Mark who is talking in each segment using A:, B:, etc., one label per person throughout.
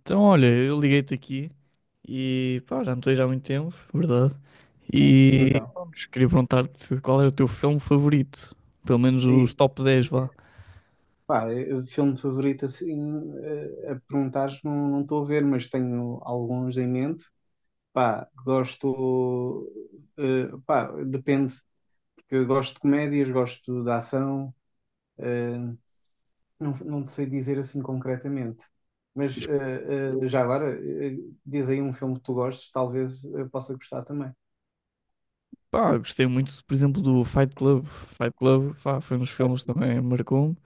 A: Então, olha, eu liguei-te aqui e pá, já não te vejo há muito tempo, verdade?
B: É,
A: E
B: então,
A: pronto, queria perguntar-te qual era o teu filme favorito, pelo menos
B: é
A: os
B: isso.
A: top 10, vá.
B: Pá, é filme favorito assim, a perguntares, não estou a ver, mas tenho alguns em mente. Pá, gosto, pá, depende, porque eu gosto de comédias, gosto de ação, eh, não, não te sei dizer assim concretamente. Mas
A: Mas,
B: já agora, eh, diz aí um filme que tu gostes, talvez eu possa gostar também.
A: pá, gostei muito, por exemplo, do Fight Club. Fight Club, pá, foi um dos filmes que também marcou-me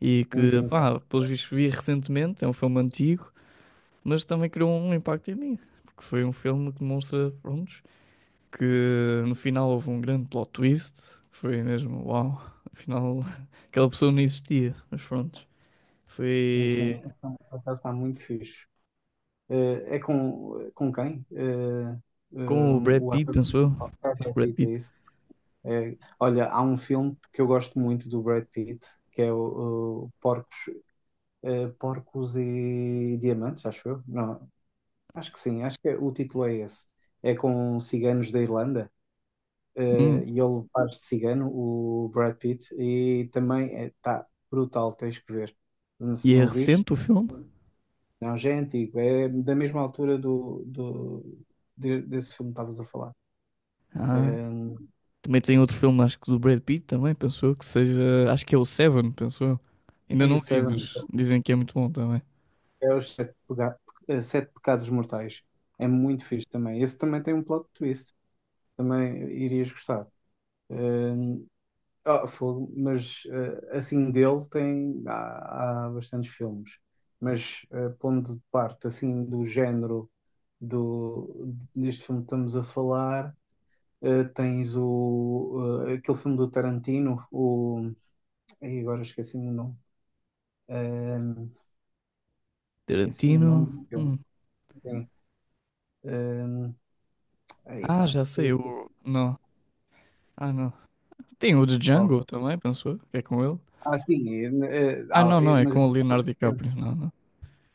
A: e
B: Sim,
A: que,
B: sim, vai.
A: pá, pelos vistos vi recentemente, é um filme antigo, mas também criou um impacto em mim, porque foi um filme que demonstra, pronto, que no final houve um grande plot twist. Foi mesmo, uau, afinal aquela pessoa não existia, mas pronto.
B: Sim, sim,
A: Foi
B: por acaso está muito fixe. Eh, é com, com quem?
A: com o Brad
B: O
A: Pitt,
B: ator
A: pensou eu?
B: principal é
A: Sim, o
B: Brad
A: Brad
B: Pitt, é
A: Pitt.
B: isso? É, olha, há um filme que eu gosto muito do Brad Pitt, que é o Porcos, Porcos e Diamantes, acho eu. Não, acho que sim, acho que o título é esse. É com ciganos da Irlanda,
A: Hum,
B: e ele faz de cigano, o Brad Pitt, e também está brutal, tens que ver.
A: E
B: Se
A: é
B: não viste.
A: recente o filme?
B: Não, já é antigo, é da mesma altura do desse filme que estavas a falar.
A: Ah,
B: Um,
A: também tem outro filme, acho que do Brad Pitt também, pensou eu, que seja, acho que é o Seven, pensou eu. Ainda
B: e o
A: não vi,
B: Seven,
A: mas dizem que é muito bom também.
B: é os Sete, Sete Pecados Mortais. É muito fixe também. Esse também tem um plot twist, também irias gostar. Um, ah, fogo, mas assim dele tem, há bastantes filmes. Mas pondo de parte assim do género deste filme que estamos a falar. Tens o, aquele filme do Tarantino, o, ai, agora esqueci-me o nome. Ahm, esqueci-me o nome
A: Tarantino.
B: do filme.
A: Hum.
B: Sim. Ahm, ai,
A: Ah,
B: pá,
A: já sei, o. Não. Ah, não. Tem o de
B: qual?
A: Django também, pensou eu, que é com ele.
B: Ah, sim,
A: Ah, não, não, é
B: mas
A: com
B: esse
A: o Leonardo
B: é recente,
A: DiCaprio, não, não.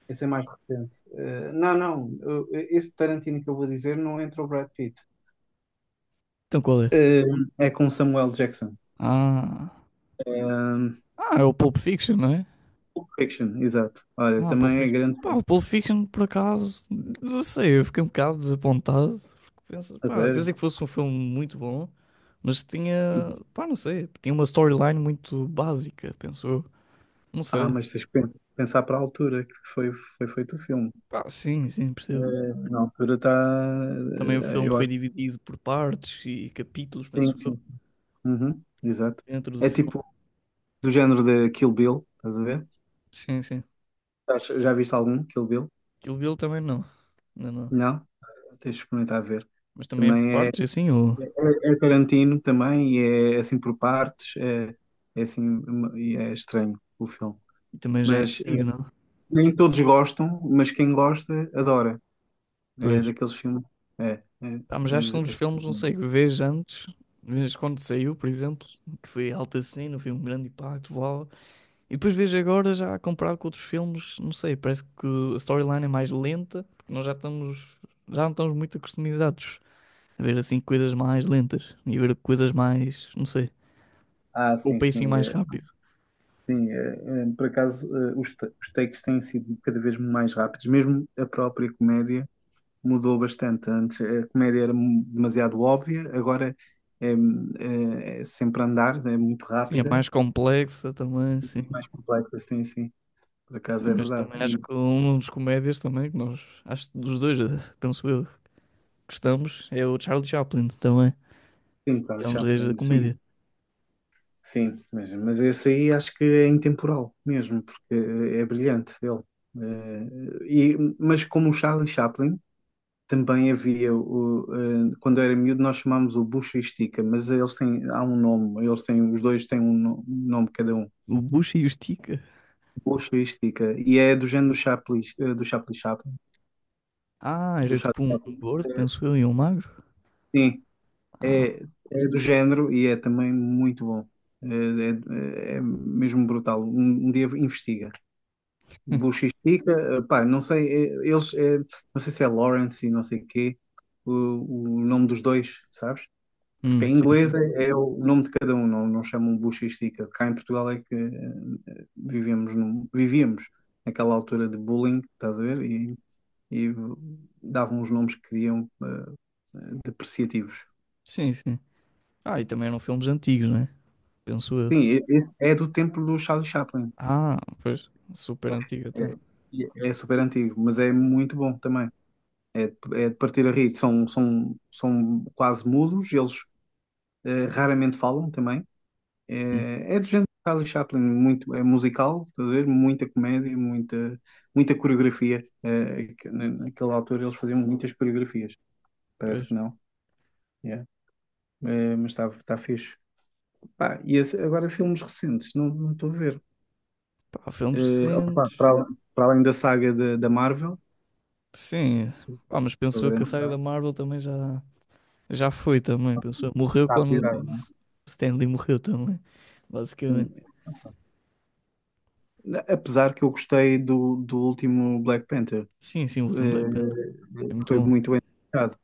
B: esse é mais recente. Não, não, esse Tarantino que eu vou dizer não entra o Brad Pitt.
A: Então qual é?
B: É com Samuel Jackson.
A: Ah,
B: Ahm.
A: ah, é o Pulp Fiction, não é?
B: Pulp Fiction, exato. Olha,
A: Ah, Pulp
B: também é
A: Fiction.
B: grande
A: Pá,
B: filme,
A: o Pulp Fiction, por acaso, não sei, eu fiquei um bocado desapontado.
B: a
A: Pá,
B: sério.
A: pensei que fosse um filme muito bom, mas tinha,
B: E-
A: pá, não sei, tinha uma storyline muito básica, penso eu. Não sei.
B: Mas tens que pensar para a altura que foi, foi feito o filme.
A: Pá, sim, sim, percebo.
B: Eh, na altura está.
A: Também o filme
B: Eu
A: foi
B: acho
A: dividido por partes e capítulos,
B: que sim,
A: penso eu,
B: sim. Uhum, exato.
A: dentro do
B: É tipo
A: filme.
B: do género de Kill Bill, estás a ver?
A: Sim, sim.
B: Já viste algum Kill Bill?
A: Kill Bill também não. Não, não.
B: Não? Tens de experimentar ver.
A: Mas também é por
B: Também é,
A: partes, é assim,
B: é Tarantino também e é assim por partes. É, é assim, e é estranho o filme.
A: e também já é
B: Mas
A: antigo, não?
B: nem todos gostam, mas quem gosta adora. É
A: Pois.
B: daqueles filmes. É, é,
A: Pá, mas acho que são dos filmes, não
B: assim.
A: sei, que vês antes, vês quando saiu, por exemplo, que foi alta cena, foi um grande impacto, uau. E depois vês agora, já comparado com outros filmes, não sei, parece que a storyline é mais lenta, porque nós já estamos, já não estamos muito acostumados a ver assim coisas mais lentas e ver coisas mais, não sei,
B: Ah,
A: com o
B: sim,
A: pacing
B: sim.
A: mais
B: É.
A: rápido.
B: Sim, por acaso, os, os takes têm sido cada vez mais rápidos, mesmo a própria comédia mudou bastante. Antes a comédia era demasiado óbvia, agora é, é sempre a andar, é muito
A: Sim, é
B: rápida
A: mais complexa também,
B: e
A: sim.
B: mais complexa, sim, sim, por acaso
A: Sim,
B: é
A: mas
B: verdade.
A: também acho
B: E
A: que um dos comédias também, que nós, acho que dos dois, penso eu, gostamos, é o Charlie Chaplin também.
B: sim,
A: É
B: Charles
A: um dos reis da
B: Chaplin, sim,
A: comédia.
B: sim, mas esse aí acho que é intemporal mesmo, porque é brilhante ele. Eh, e, mas como o Charlie Chaplin. Também havia o, quando eu era miúdo nós chamámos o bucha e estica, mas eles têm, há um nome, eles têm, os dois têm um um nome cada um,
A: O Bucha e o estica.
B: bucha e estica, e é do género do Chaplin,
A: Ah,
B: do
A: era
B: Charlie
A: tipo um
B: Chaplin.
A: gordo,
B: Eh,
A: penso eu, e um magro.
B: sim,
A: Ah,
B: é, é do género e é também muito bom. Eh, é, é mesmo brutal, um dia investiga, bucha e estica, pá, não sei, não sei se é Lawrence e não sei o quê, o nome dos dois, sabes? Em
A: sim,
B: inglês
A: sim.
B: é, é o nome de cada um, não, não chamam buchística. Cá em Portugal é que vivemos vivíamos naquela altura de bullying, estás a ver? E davam os nomes que queriam depreciativos.
A: Sim, sim. Ah, e também eram filmes antigos, né? Penso eu.
B: Sim, é, é do tempo do Charlie Chaplin.
A: Ah, pois. Super antigo, então.
B: É, e é super antigo, mas é muito bom também. É, é de partir a rir. São, são quase mudos, eles raramente falam também.
A: Hum,
B: É, é do género de Charlie Chaplin, muito, é musical, estás a ver? Muita comédia, muita coreografia. É, que naquela altura eles faziam muitas coreografias,
A: pois.
B: parece que não. Yeah. É, mas está tá fixe. Pá, e agora filmes recentes, não estou a ver.
A: Pá, filmes
B: É, opá,
A: recentes.
B: para, para além da saga da Marvel,
A: Sim. Pá, mas
B: estou
A: penso eu que a
B: grande
A: saga
B: fã,
A: da Marvel também já foi também. Penso eu. Morreu
B: está a pirar.
A: quando o Stan Lee morreu também. Basicamente.
B: Hum, Apesar que eu gostei do último Black Panther.
A: Sim, sim, o último Black Panther.
B: É,
A: É muito
B: foi
A: bom.
B: muito bem tratado.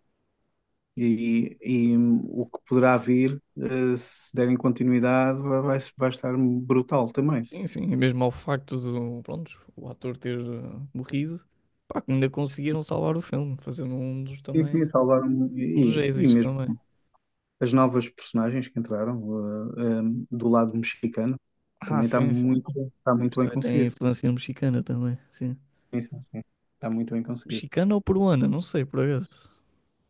B: E o que poderá vir, se derem continuidade, vai estar brutal também.
A: Sim, sim, e mesmo ao facto do, pronto, o ator ter morrido, pá, que ainda conseguiram salvar o filme, fazendo um dos
B: Sim, sim,
A: também,
B: salvaram
A: um dos
B: e
A: êxitos
B: mesmo
A: também.
B: as novas personagens que entraram do lado mexicano
A: Ah,
B: também
A: sim, sim.
B: está muito
A: Isto
B: bem
A: também tem
B: conseguido.
A: influência mexicana também, sim.
B: Sim, sim, sim. Está muito bem conseguido.
A: Mexicana ou peruana, não sei, por acaso.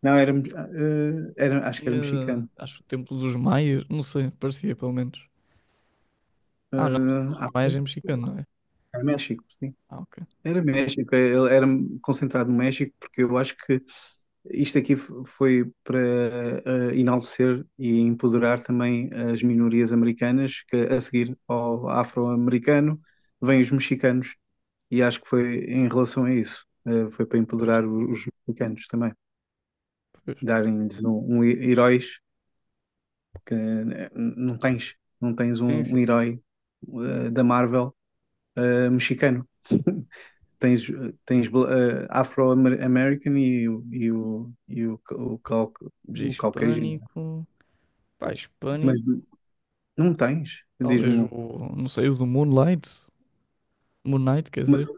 B: Não, era, acho que era
A: Tinha,
B: mexicano.
A: acho, o Templo dos Maias, não sei, parecia pelo menos. Ah, não, o
B: Eh,
A: Templo
B: ah,
A: dos Maias
B: foi?
A: é mexicano, não é?
B: Era México, sim.
A: Ah, ok.
B: Era México, é, ele era concentrado no México, porque eu acho que isto aqui foi para enaltecer e empoderar também as minorias americanas, que a seguir ao afro-americano vêm os mexicanos, e acho que foi em relação a isso, foi para
A: Pois
B: empoderar
A: também.
B: os mexicanos também,
A: Pois.
B: darem-lhes um, heróis, porque não tens, não tens
A: Sim,
B: um,
A: sim.
B: um herói da Marvel mexicano. Tens, tens Afro-American e
A: De
B: o Caucasian,
A: hispânico, pá,
B: mas
A: hispânico,
B: não tens, diz-me
A: talvez
B: um.
A: o, não sei, o do Moonlight, Moonlight quer
B: Mas
A: dizer.
B: o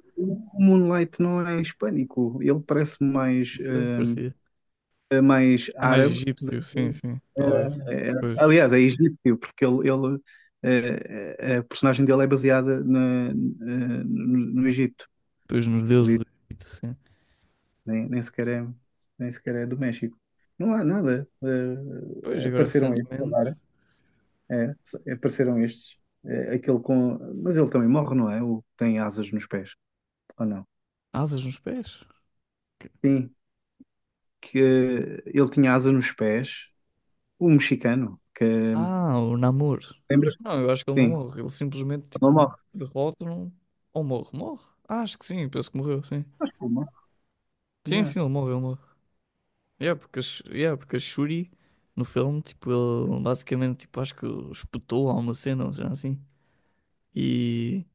B: Moonlight não é hispânico, ele parece mais,
A: Não sei, parecia.
B: mais
A: É mais
B: árabe. Do
A: egípcio, sim,
B: que-
A: sim, talvez.
B: eh, eh,
A: Pois,
B: aliás, é egípcio, porque a personagem dele é baseada na, no Egito,
A: pois nos
B: por
A: deuses
B: isso
A: do Egito, sim.
B: nem, nem sequer é do México. Não há nada.
A: Pois, agora
B: Apareceram esses
A: recentemente,
B: agora. É, apareceram estes. É, aquele com. Mas ele também morre, não é? O que tem asas nos pés, ou não?
A: asas nos pés.
B: Sim, que ele tinha asas nos pés, o mexicano, que.
A: Ah, o Namor.
B: Lembras?
A: Não, eu acho que ele não
B: Sim,
A: morre. Ele simplesmente,
B: ele
A: tipo,
B: morre.
A: derrota-no ou morre. Morre? Ah, acho que sim, penso que morreu, sim.
B: Ele morre.
A: Sim,
B: Yeah.
A: sim, ele morre, ele morre. Yeah, porque, a Shuri, no filme, tipo, ele basicamente, tipo, acho que espetou a uma cena, ou seja, assim. E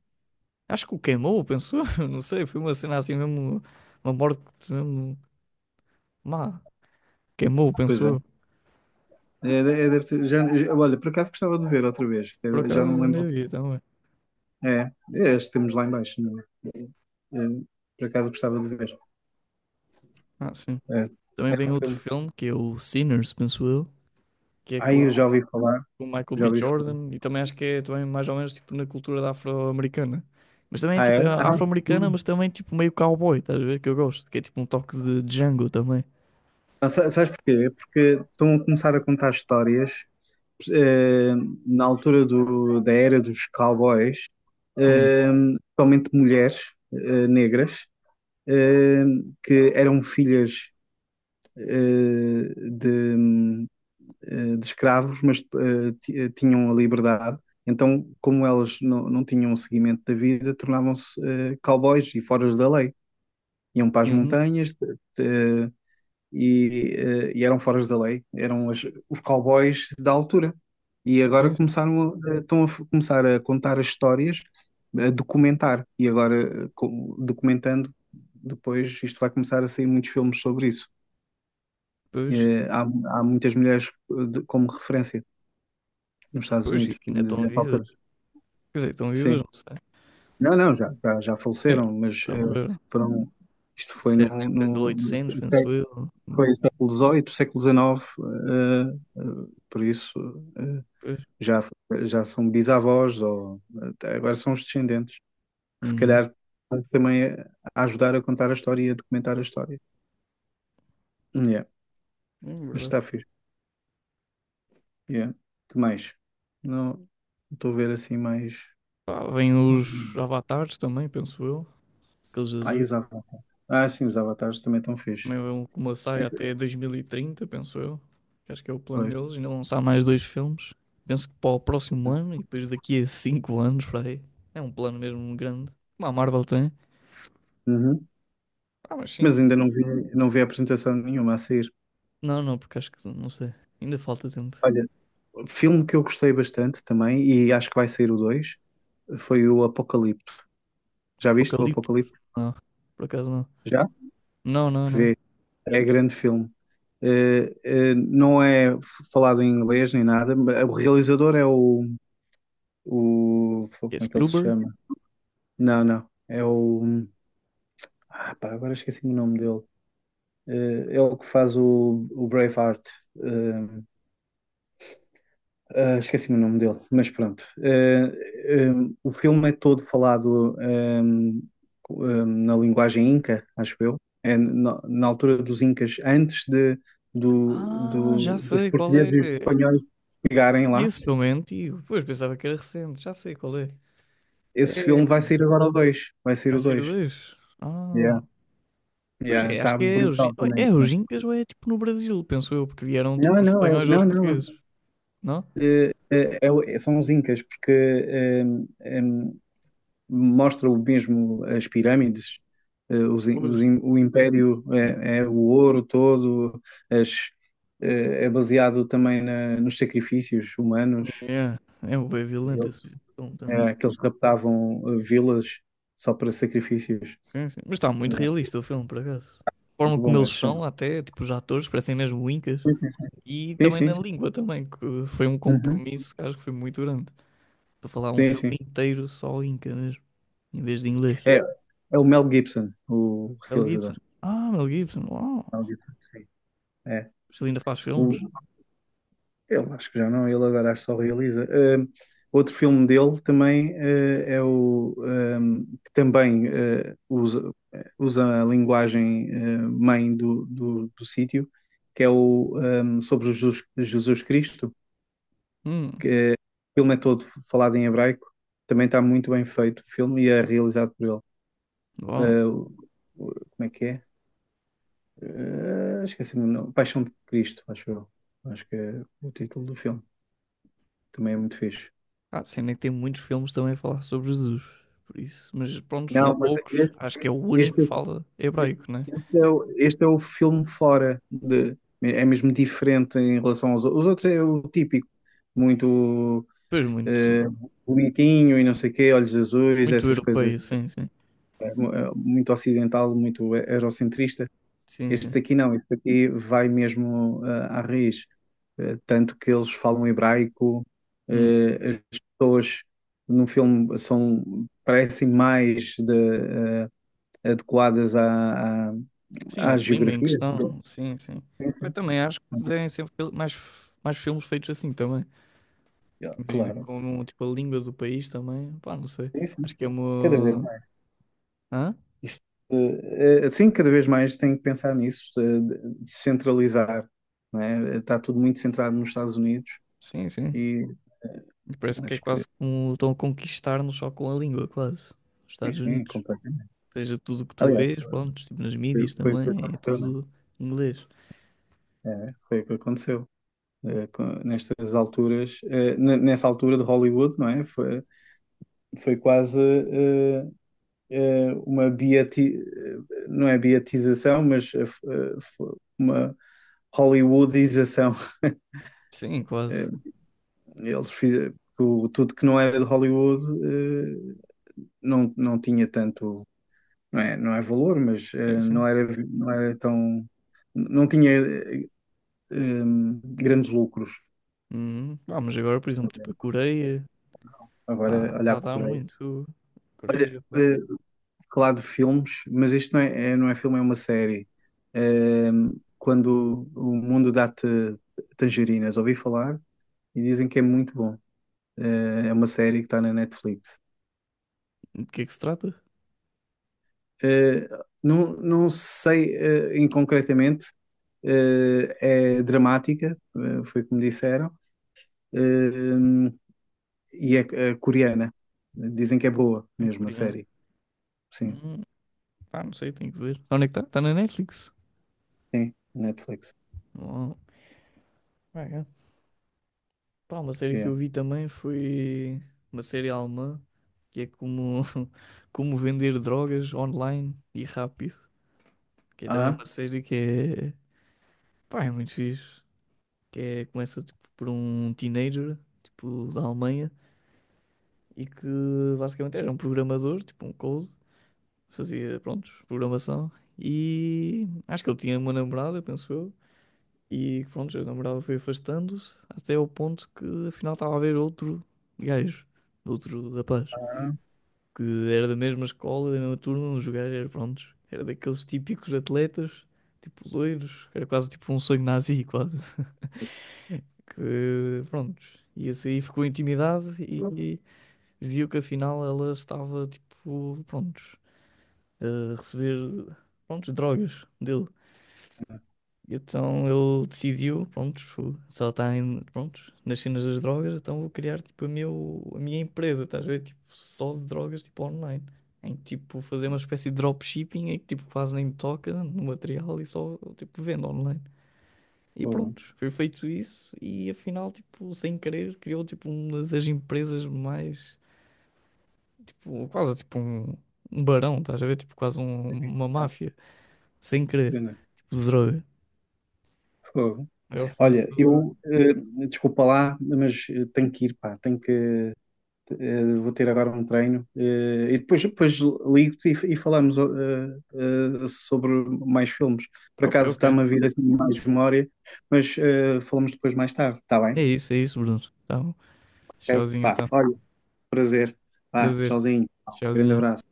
A: acho que o queimou, pensou? Não sei, foi uma cena assim mesmo, uma morte mesmo má. Queimou,
B: Pois é.
A: pensou?
B: É, é, é, deve ser- já, já- olha, por acaso gostava de ver outra vez.
A: Por
B: Eu já não
A: acaso
B: me
A: ainda
B: lembro.
A: vi também.
B: É, é este temos lá em baixo. Não é? É, é, por acaso gostava de ver.
A: Ah, sim.
B: É,
A: Também
B: era
A: vem
B: um
A: outro
B: filme.
A: filme que é o Sinners, penso eu, que é
B: Ai,
A: com
B: eu já ouvi falar.
A: com o Michael
B: Já
A: B.
B: ouvi falar.
A: Jordan e também acho que é também mais ou menos tipo na cultura da afro-americana. Mas também é
B: Ah,
A: tipo
B: é?
A: é
B: Ah,
A: afro-americana, mas também tipo meio cowboy, estás a ver? Que eu gosto, que é tipo um toque de Django também.
B: não, sabes porquê? É porque estão a começar a contar histórias eh, na altura da era dos cowboys,
A: Hum.
B: eh, principalmente mulheres negras, eh, que eram filhas eh, de, de escravos, mas tinham a liberdade. Então, como elas não, não tinham o seguimento da vida, tornavam-se cowboys e foras da lei. Iam para as
A: Uhum.
B: montanhas, eh, e, e eram foras da lei, eram os cowboys da altura. E agora
A: Sim, sim.
B: começaram a, estão a começar a contar as histórias, a documentar. E agora, documentando, depois isto vai começar a sair muitos filmes sobre isso.
A: Pois,
B: Eh, há muitas mulheres como referência nos Estados
A: pois, que
B: Unidos,
A: ainda estão
B: nessa
A: vivas.
B: altura.
A: Quer dizer, estão
B: Sim.
A: vivas, não sei.
B: Não, já
A: Sim,
B: faleceram, mas
A: já morreram.
B: foram, isto foi
A: Isso era na
B: no,
A: época de
B: no, no
A: 1800, penso eu.
B: Foi século XVIII, século XIX, eh, eh, por isso eh,
A: Pois.
B: já, já são bisavós ou até agora são os descendentes, que se
A: Uhum.
B: calhar vão também a ajudar a contar a história e a documentar a história. Yeah,
A: É
B: mas
A: verdade.
B: está fixe. Yeah. Que mais? Não estou a ver assim mais.
A: Pá, vêm
B: Mais...
A: os avatares também, penso eu. Aqueles
B: Ah, e
A: azuis.
B: os avatares. Ah, sim, os avatares também estão fixe.
A: Também vão com uma saga
B: Esse-
A: até 2030, penso eu. Que acho que é o plano
B: pois.
A: deles. Ainda vão lançar mais dois filmes. Penso que para o próximo
B: Ok.
A: ano e depois daqui a 5 anos, para aí. É um plano mesmo grande. Como a Marvel tem.
B: Uhum.
A: Ah, mas sim.
B: Mas ainda não vi, não vi a apresentação nenhuma a sair.
A: Não, não, porque acho que não sei. Ainda falta tempo.
B: Olha, filme que eu gostei bastante também, e acho que vai sair o 2 foi o Apocalipto. Já viste o
A: Apocalípticos?
B: Apocalipto?
A: Não, por acaso não.
B: Já?
A: Não, não, não.
B: Vê, é grande filme. Não é falado em inglês nem nada, mas o realizador é o.
A: Que
B: Como
A: é
B: é que ele se
A: Spielberg?
B: chama? Não, não. É o. Ah, pá, agora esqueci o nome dele. Eh, é o que faz o Braveheart. Eh, ah, esqueci-me o nome dele, mas pronto. O filme é todo falado na linguagem inca, acho eu. É na, na altura dos incas, antes de,
A: Ah, já
B: dos
A: sei qual
B: portugueses e
A: é.
B: espanhóis chegarem
A: Ah,
B: lá.
A: Esse filme é antigo. Pois, pensava que era recente. Já sei qual é.
B: Esse
A: É.
B: filme vai sair agora o dois. Vai sair
A: Vai
B: o
A: ser o
B: 2.
A: 2. Ah.
B: Yeah.
A: Pois
B: Yeah,
A: é, acho
B: tá
A: que é o,
B: brutal também.
A: é
B: Esse
A: o
B: filme.
A: Gincas ou é tipo no Brasil, penso eu, porque vieram
B: Não,
A: tipo os
B: não,
A: espanhóis
B: não,
A: aos
B: não.
A: portugueses, não?
B: É são os incas, porque mostra o mesmo as pirâmides,
A: Pois.
B: o império é, é o ouro todo, as- é baseado também nos sacrifícios humanos.
A: Yeah. É um bem violento
B: Eles-
A: esse filme também.
B: é, que eles raptavam vilas só para sacrifícios.
A: Sim, sim. Mas está muito
B: Yeah,
A: realista o filme, por acaso. A forma
B: muito
A: como
B: bom
A: eles
B: esse filme.
A: são, até, tipo, os atores, parecem mesmo incas. E
B: Sim,
A: também
B: sim,
A: na
B: sim.
A: língua também, que foi um
B: Uhum.
A: compromisso que acho que foi muito grande. Para falar um
B: Sim,
A: filme
B: sim.
A: inteiro só inca mesmo, em vez de inglês.
B: É, é o Mel Gibson, o
A: Mel
B: realizador.
A: Gibson. Ah, Mel Gibson. Uau.
B: Mel Gibson, sim. É.
A: Mas ele ainda faz
B: O,
A: filmes.
B: ele acho que já não, ele agora acho que só realiza. Outro filme dele também é o que também usa, usa a linguagem mãe do sítio, que é o sobre Jesus, Jesus Cristo,
A: Hum,
B: que o filme é todo falado em hebraico, também está muito bem feito o filme e é realizado por ele.
A: bom.
B: Ah, como é que é? Ah, esqueci-me o nome. Paixão de Cristo, acho eu. Acho que é o título do filme. Também é muito fixe.
A: Ah, a cena é que tem muitos filmes também a falar sobre Jesus. Por isso. Mas pronto, são
B: Não, mas
A: poucos. Acho que é o único
B: este,
A: que fala hebraico, né?
B: este é o filme fora de. É mesmo diferente em relação aos outros. Os outros é o típico, muito
A: Pois muito,
B: eh, bonitinho e não sei o quê, olhos azuis,
A: muito
B: essas coisas.
A: europeu, sim, sim.
B: Muito ocidental, muito eurocentrista.
A: Sim, sim.
B: Este aqui não, este aqui vai mesmo à raiz. Eh, tanto que eles falam hebraico,
A: Hum.
B: as pessoas no filme são, parecem mais de, eh, adequadas à,
A: Sim, ó,
B: à
A: O clima em
B: geografia?
A: questão. Sim, sim. Eu também acho que devem ser mais, mais filmes feitos assim também.
B: Ah,
A: Porque imagina,
B: claro.
A: como tipo a língua do país também. Pá, não sei.
B: Sim, sim,
A: Acho que é
B: sim. Cada vez
A: uma.
B: mais.
A: Hã?
B: Isto, sim, cada vez mais tem que pensar nisso, de centralizar, não é? Está tudo muito centrado nos Estados Unidos
A: Sim, sim.
B: e
A: Parece que é
B: acho que,
A: quase como estão a conquistar-nos só com a língua, quase. Os Estados
B: enfim,
A: Unidos.
B: completamente.
A: Ou seja, tudo o que tu
B: Aliás,
A: vês, pronto, tipo nas mídias
B: foi o que
A: também, é
B: aconteceu, não é?
A: tudo inglês.
B: É, foi o que aconteceu. Nestas alturas, nessa altura de Hollywood, não é? Foi, foi quase uma beati, não é beatização, mas eh, uma Hollywoodização.
A: Sim,
B: Eh,
A: quase.
B: eles fizeram tudo que não era de Hollywood eh, não, não tinha tanto, não é, não é valor, mas
A: Sim, sim.
B: não era, não era tão, não tinha eh, grandes lucros.
A: Uhum. Ah, mas agora, por exemplo, tipo a Coreia,
B: Agora,
A: pá,
B: olha
A: tá
B: a
A: a dar
B: Coreia.
A: muito. Coreia,
B: Eh,
A: Japão.
B: falar de filmes, mas isto não é, não é filme, é uma série. Ahm, quando o mundo dá-te tangerinas, ouvi falar e dizem que é muito bom. Ah, é uma série que está na Netflix.
A: De que é que se trata?
B: Ah, não, não sei em concretamente, ah, é dramática, foi como disseram, ah, e é, é coreana. Dizem que é boa
A: É
B: mesmo a
A: coreano.
B: série. Sim,
A: Hum, pá, não sei, tenho que ver. Onde é que está? Está na Netflix.
B: sim, Netflix.
A: Oh, pá, uma série que
B: Yeah.
A: eu vi também foi uma série alemã que é como, como vender drogas online e rápido. Que é também
B: Ah,
A: uma série que é, pá, é muito fixe. Que é, começa tipo, por um teenager tipo, da Alemanha e que basicamente era um programador, tipo um code, fazia, pronto, programação. E acho que ele tinha uma namorada, penso eu. E pronto, a namorada foi afastando-se até ao ponto que afinal estava a haver outro gajo, outro rapaz.
B: ah,
A: Que era da mesma escola, da mesma turma, um jogar eram prontos, era daqueles típicos atletas, tipo loiros, era quase tipo um sonho nazi, quase. Que prontos e esse aí ficou intimidado e viu que afinal ela estava tipo, prontos a receber, prontos drogas dele. E então ele decidiu, pronto, se ela está pronto, nas cenas das drogas, então vou criar tipo a, meu, a minha empresa, estás a ver? Tipo, só de drogas, tipo online. Em que, tipo, fazer uma espécie de dropshipping em que tipo quase nem me toca no material e só tipo vendo online. E
B: boa.
A: pronto, foi feito isso e afinal, tipo, sem querer, criou tipo uma das empresas mais, tipo, quase tipo um barão, estás a ver? Tipo, quase uma
B: Yeah.
A: máfia, sem querer,
B: Pena.
A: tipo de droga.
B: Fogo.
A: Maior
B: Olha,
A: fornecedor de droga.
B: eu, desculpa lá, mas tenho que ir, pá, tenho que, vou ter agora um treino, e depois, depois ligo-te e falamos sobre mais filmes. Por
A: Ok,
B: acaso
A: ok.
B: está-me a vir assim mais memória, mas falamos depois mais tarde, está bem?
A: É isso, Bruno. Então,
B: Ok?
A: tchauzinho,
B: Pá,
A: então.
B: olha, prazer. Pá,
A: Prazer.
B: tchauzinho. Um grande
A: Tchauzinho.
B: abraço.